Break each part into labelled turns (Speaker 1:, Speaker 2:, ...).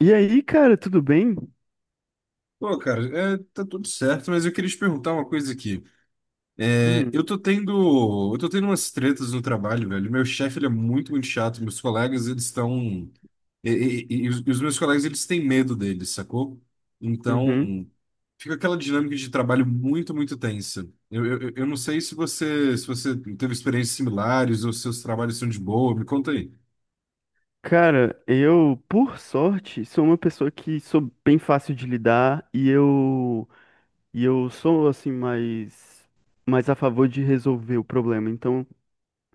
Speaker 1: E aí, cara, tudo bem?
Speaker 2: Pô, cara, é, tá tudo certo, mas eu queria te perguntar uma coisa aqui. É,
Speaker 1: Hum.
Speaker 2: eu tô tendo umas tretas no trabalho, velho. Meu chefe, ele é muito, muito chato. Meus colegas, eles estão... E os meus colegas, eles têm medo dele, sacou?
Speaker 1: Uhum.
Speaker 2: Então, fica aquela dinâmica de trabalho muito, muito tensa. Eu não sei se você teve experiências similares ou se seus trabalhos são de boa. Me conta aí.
Speaker 1: Cara, eu, por sorte, sou uma pessoa que sou bem fácil de lidar e eu sou assim mais a favor de resolver o problema. Então,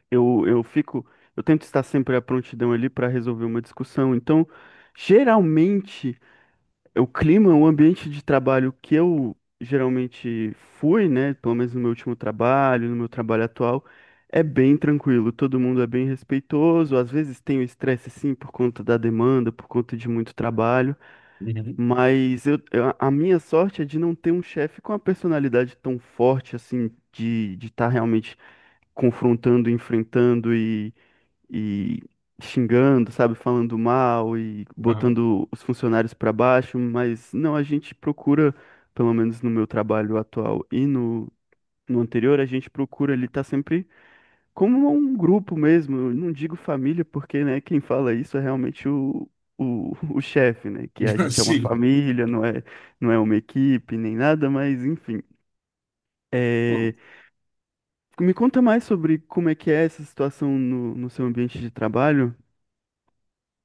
Speaker 1: eu eu fico, eu tento estar sempre à prontidão ali para resolver uma discussão. Então, geralmente é o clima, o ambiente de trabalho que eu geralmente fui, né, pelo menos no meu último trabalho, no meu trabalho atual, é bem tranquilo. Todo mundo é bem respeitoso, às vezes tem o estresse sim por conta da demanda, por conta de muito trabalho,
Speaker 2: Uhum.
Speaker 1: mas a minha sorte é de não ter um chefe com uma personalidade tão forte assim, de estar realmente confrontando, enfrentando e xingando, sabe, falando mal e
Speaker 2: Aham.
Speaker 1: botando os funcionários para baixo. Mas não, a gente procura, pelo menos no meu trabalho atual e no anterior, a gente procura ele estar sempre como um grupo mesmo. Eu não digo família, porque, né, quem fala isso é realmente o chefe, né? Que a gente é uma
Speaker 2: Assim,
Speaker 1: família, não é, não é uma equipe nem nada, mas enfim. É, Me conta mais sobre como é que é essa situação no seu ambiente de trabalho.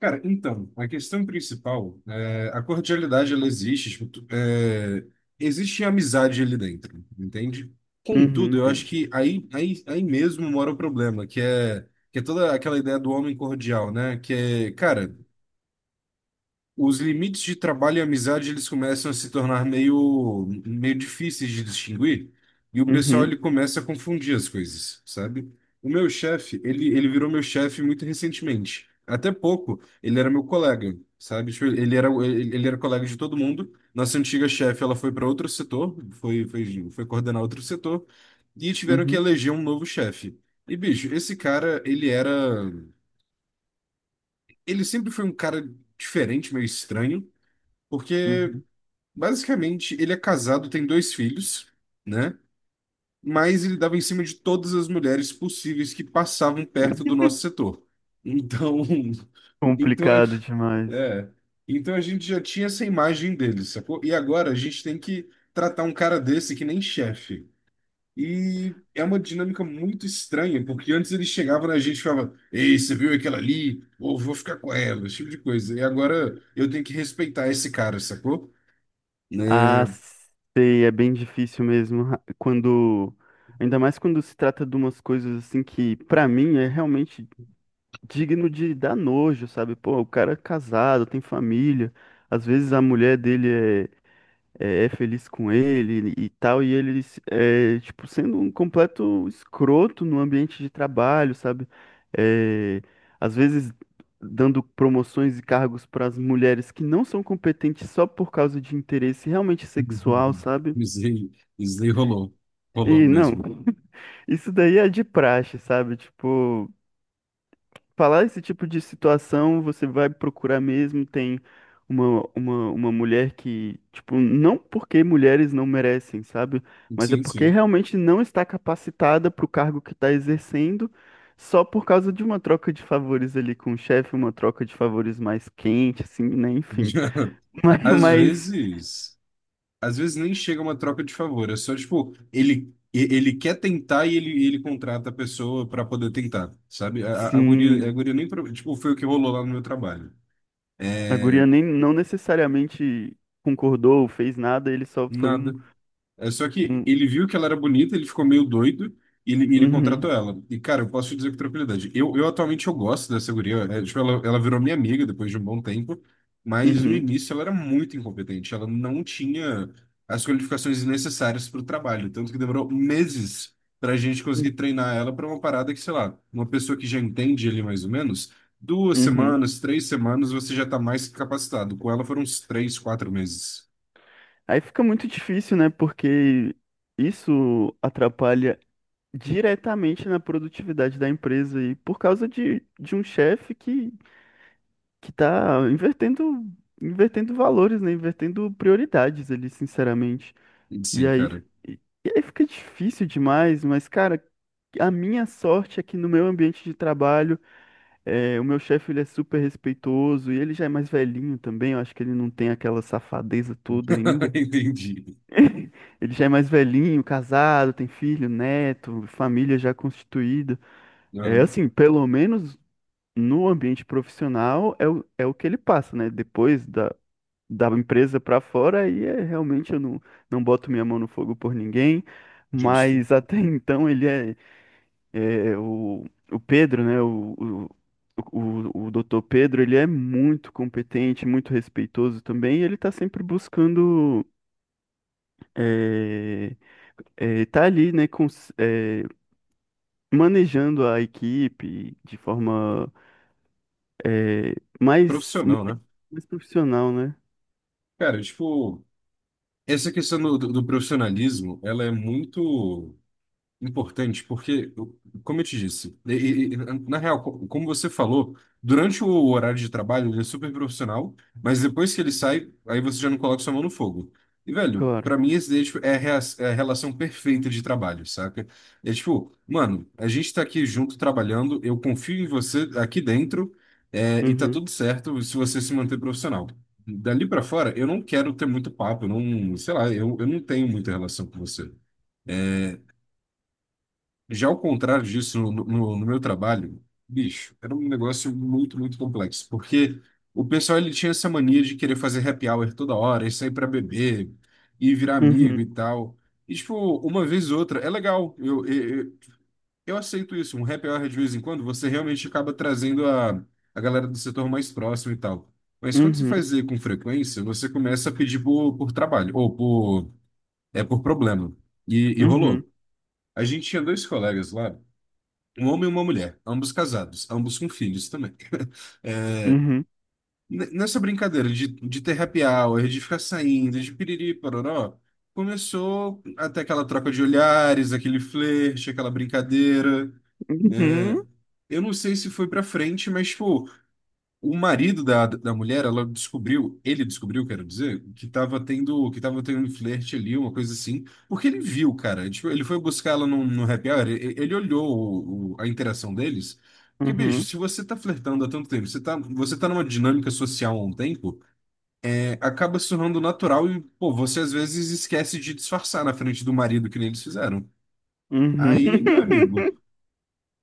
Speaker 2: cara, então, a questão principal, é, a cordialidade, ela existe, tipo, é, existe amizade ali dentro, entende?
Speaker 1: Uhum,
Speaker 2: Contudo, eu
Speaker 1: tem.
Speaker 2: acho que aí mesmo mora o problema, que é toda aquela ideia do homem cordial, né? Que é, cara, os limites de trabalho e amizade eles começam a se tornar meio, meio difíceis de distinguir e o pessoal ele
Speaker 1: Uhum,
Speaker 2: começa a confundir as coisas, sabe? O meu chefe, ele virou meu chefe muito recentemente. Até pouco, ele era meu colega, sabe? Tipo, ele era colega de todo mundo. Nossa antiga chefe, ela foi para outro setor, foi coordenar outro setor e tiveram que
Speaker 1: uhum,
Speaker 2: eleger um novo chefe. E, bicho, esse cara, ele era. Ele sempre foi um cara diferente, meio estranho, porque
Speaker 1: uhum.
Speaker 2: basicamente, ele é casado, tem dois filhos, né? Mas ele dava em cima de todas as mulheres possíveis que passavam perto do nosso setor. Então, então,
Speaker 1: Complicado demais.
Speaker 2: é, então a gente já tinha essa imagem dele, sacou? E agora a gente tem que tratar um cara desse que nem chefe. E é uma dinâmica muito estranha, porque antes ele chegava na gente e falava: Ei, você viu aquela ali? Ou vou ficar com ela, esse tipo de coisa. E agora eu tenho que respeitar esse cara, sacou?
Speaker 1: Ah,
Speaker 2: Né.
Speaker 1: sei, é bem difícil mesmo. Ainda mais quando se trata de umas coisas assim que, pra mim, é realmente digno de dar nojo, sabe? Pô, o cara é casado, tem família. Às vezes a mulher dele é feliz com ele e tal, e ele, é, tipo, sendo um completo escroto no ambiente de trabalho, sabe? É, às vezes dando promoções e cargos para as mulheres que não são competentes só por causa de interesse realmente sexual,
Speaker 2: Uhum.
Speaker 1: sabe?
Speaker 2: Isso aí isso aí rolou. Rolou
Speaker 1: E não,
Speaker 2: mesmo.
Speaker 1: isso daí é de praxe, sabe? Tipo, falar esse tipo de situação, você vai procurar mesmo, tem uma mulher que, tipo, não porque mulheres não merecem, sabe? Mas é
Speaker 2: Sim,
Speaker 1: porque
Speaker 2: sim.
Speaker 1: realmente não está capacitada para o cargo que está exercendo, só por causa de uma troca de favores ali com o chefe, uma troca de favores mais quente, assim, né? Enfim. Mas,
Speaker 2: Às
Speaker 1: mas
Speaker 2: vezes, às vezes nem chega uma troca de favor, é só tipo, ele quer tentar e ele contrata a pessoa para poder tentar, sabe? A
Speaker 1: sim,
Speaker 2: guria nem, pro- tipo, foi o que rolou lá no meu trabalho.
Speaker 1: a
Speaker 2: É,
Speaker 1: guria nem, não necessariamente concordou, fez nada, ele só foi um,
Speaker 2: nada. É, só que
Speaker 1: um,
Speaker 2: ele viu que ela era bonita, ele ficou meio doido e e ele contratou
Speaker 1: uhum,
Speaker 2: ela. E, cara, eu posso te dizer com tranquilidade. Eu atualmente eu gosto dessa guria. É, tipo, ela virou minha amiga depois de um bom tempo, mas no
Speaker 1: uhum,
Speaker 2: início ela era muito incompetente. Ela não tinha as qualificações necessárias para o trabalho. Tanto que demorou meses para a gente conseguir treinar ela para uma parada que, sei lá, uma pessoa que já entende ele mais ou menos, duas
Speaker 1: uhum.
Speaker 2: semanas, três semanas, você já está mais que capacitado. Com ela foram uns três, quatro meses.
Speaker 1: Aí fica muito difícil, né? Porque isso atrapalha diretamente na produtividade da empresa e por causa de um chefe que tá invertendo, invertendo valores, né? Invertendo prioridades ali, sinceramente. E
Speaker 2: Sim,
Speaker 1: aí,
Speaker 2: cara.
Speaker 1: e e aí fica difícil demais. Mas, cara, a minha sorte é que no meu ambiente de trabalho, o meu chefe ele é super respeitoso e ele já é mais velhinho também. Eu acho que ele não tem aquela safadeza toda ainda.
Speaker 2: Entendi.
Speaker 1: Ele já é mais velhinho, casado, tem filho, neto, família já constituída. É
Speaker 2: Não,
Speaker 1: assim, pelo menos no ambiente profissional é o que ele passa, né? Depois da empresa pra fora, aí é realmente eu não boto minha mão no fogo por ninguém.
Speaker 2: justo.
Speaker 1: Mas até então ele é o Pedro, né? O doutor Pedro, ele é muito competente, muito respeitoso também, e ele tá sempre buscando, é, tá ali, né, manejando a equipe de forma é, mais,
Speaker 2: Profissional, né?
Speaker 1: profissional, né?
Speaker 2: Cara, tipo, essa questão do, do profissionalismo, ela é muito importante, porque, como eu te disse, na real, como você falou, durante o horário de trabalho ele é super profissional, mas depois que ele sai, aí você já não coloca sua mão no fogo. E, velho, pra
Speaker 1: Claro.
Speaker 2: mim esse daí é, tipo, é a, é a relação perfeita de trabalho, saca? É tipo, mano, a gente tá aqui junto trabalhando, eu confio em você aqui dentro, é, e tá
Speaker 1: Uhum,
Speaker 2: tudo certo se você se manter profissional. Dali pra fora, eu não quero ter muito papo, eu não, sei lá, eu não tenho muita relação com você. Já ao contrário disso, no meu trabalho, bicho, era um negócio muito, muito complexo, porque o pessoal ele tinha essa mania de querer fazer happy hour toda hora, e sair para beber, e virar amigo e
Speaker 1: uhum,
Speaker 2: tal. E, tipo, uma vez ou outra, é legal, eu eu aceito isso, um happy hour de vez em quando, você realmente acaba trazendo a galera do setor mais próximo e tal. Mas quando se
Speaker 1: uhum,
Speaker 2: faz com frequência, você começa a pedir por trabalho, ou por, é por problema. E
Speaker 1: uhum,
Speaker 2: rolou. A gente tinha dois colegas lá, um homem e uma mulher, ambos casados, ambos com filhos também. É,
Speaker 1: uhum,
Speaker 2: nessa brincadeira de ter happy hour, de ficar saindo, de piriri, pororó, começou até aquela troca de olhares, aquele flerte, aquela brincadeira. É,
Speaker 1: uhum,
Speaker 2: eu não sei se foi pra frente, mas, pô, o marido da mulher, ela descobriu, ele descobriu, quero dizer, que que tava tendo um flerte ali, uma coisa assim, porque ele viu, cara. Tipo, ele foi buscar ela no happy hour, ele olhou a interação deles. Porque, bicho,
Speaker 1: uhum,
Speaker 2: se você tá flertando há tanto tempo, você tá numa dinâmica social há um tempo, é, acaba se tornando natural e, pô, você às vezes esquece de disfarçar na frente do marido, que nem eles fizeram.
Speaker 1: uhum.
Speaker 2: Aí, meu amigo,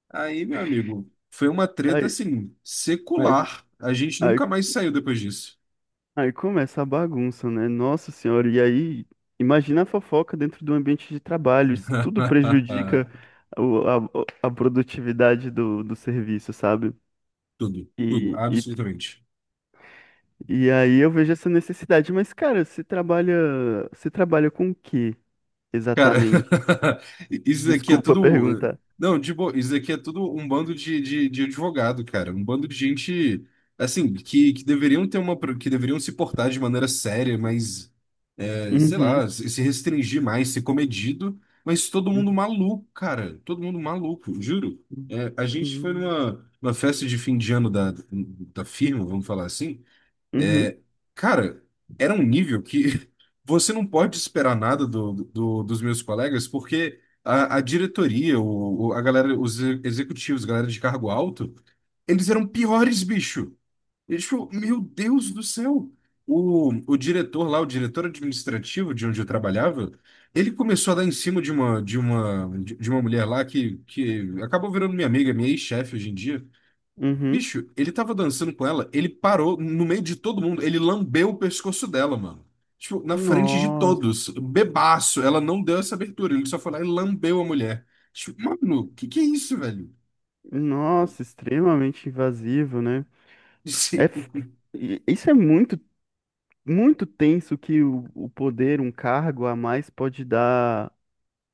Speaker 2: aí, meu amigo, foi uma treta,
Speaker 1: Aí,
Speaker 2: assim,
Speaker 1: aí,
Speaker 2: secular. A gente
Speaker 1: aí,
Speaker 2: nunca mais saiu depois disso.
Speaker 1: aí começa a bagunça, né? Nossa senhora, e aí imagina a fofoca dentro do ambiente de trabalho, isso tudo prejudica a produtividade do serviço, sabe?
Speaker 2: Tudo, tudo,
Speaker 1: E, e,
Speaker 2: absolutamente.
Speaker 1: e aí eu vejo essa necessidade. Mas, cara, você trabalha com o que
Speaker 2: Cara,
Speaker 1: exatamente?
Speaker 2: isso daqui é
Speaker 1: Desculpa
Speaker 2: tudo.
Speaker 1: perguntar.
Speaker 2: Não, de boa, isso daqui é tudo um bando de advogado, cara. Um bando de gente, assim, que deveriam ter uma. Que deveriam se portar de maneira séria, mas, é, sei
Speaker 1: Uhum,
Speaker 2: lá, se se restringir mais, ser comedido. Mas todo mundo
Speaker 1: uhum,
Speaker 2: maluco, cara. Todo mundo maluco, juro. É, a gente foi
Speaker 1: uhum,
Speaker 2: numa festa de fim de ano da firma, vamos falar assim.
Speaker 1: uhum,
Speaker 2: É, cara, era um nível que você não pode esperar nada do, dos meus colegas, porque a, a galera, os executivos, galera de cargo alto, eles eram piores, bicho. E, tipo, meu Deus do céu. O diretor lá, o diretor administrativo de onde eu trabalhava, ele começou a dar em cima de uma mulher lá que acabou virando minha amiga, minha ex-chefe hoje em dia.
Speaker 1: uhum.
Speaker 2: Bicho, ele tava dançando com ela, ele parou no meio de todo mundo, ele lambeu o pescoço dela, mano. Tipo, na frente de
Speaker 1: Nossa,
Speaker 2: todos, bebaço, ela não deu essa abertura, ele só foi lá e lambeu a mulher. Tipo, mano, que é isso, velho?
Speaker 1: nossa, extremamente invasivo, né? É,
Speaker 2: Sim.
Speaker 1: f- isso é muito, muito tenso que o poder, um cargo a mais pode dar,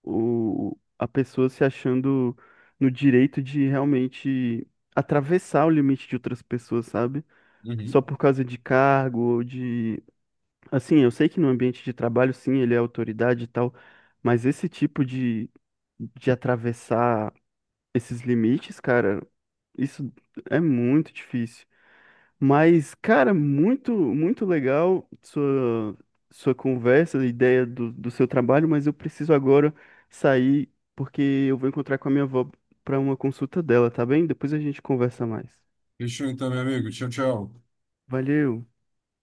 Speaker 1: a pessoa se achando no direito de realmente atravessar o limite de outras pessoas, sabe?
Speaker 2: Uhum.
Speaker 1: Só por causa de cargo ou de. Assim, eu sei que no ambiente de trabalho, sim, ele é autoridade e tal, mas esse tipo de atravessar esses limites, cara, isso é muito difícil. Mas, cara, muito, muito legal sua conversa, a ideia do seu trabalho, mas eu preciso agora sair porque eu vou encontrar com a minha avó para uma consulta dela, tá bem? Depois a gente conversa mais.
Speaker 2: Fechou então, meu amigo. Tchau, tchau.
Speaker 1: Valeu!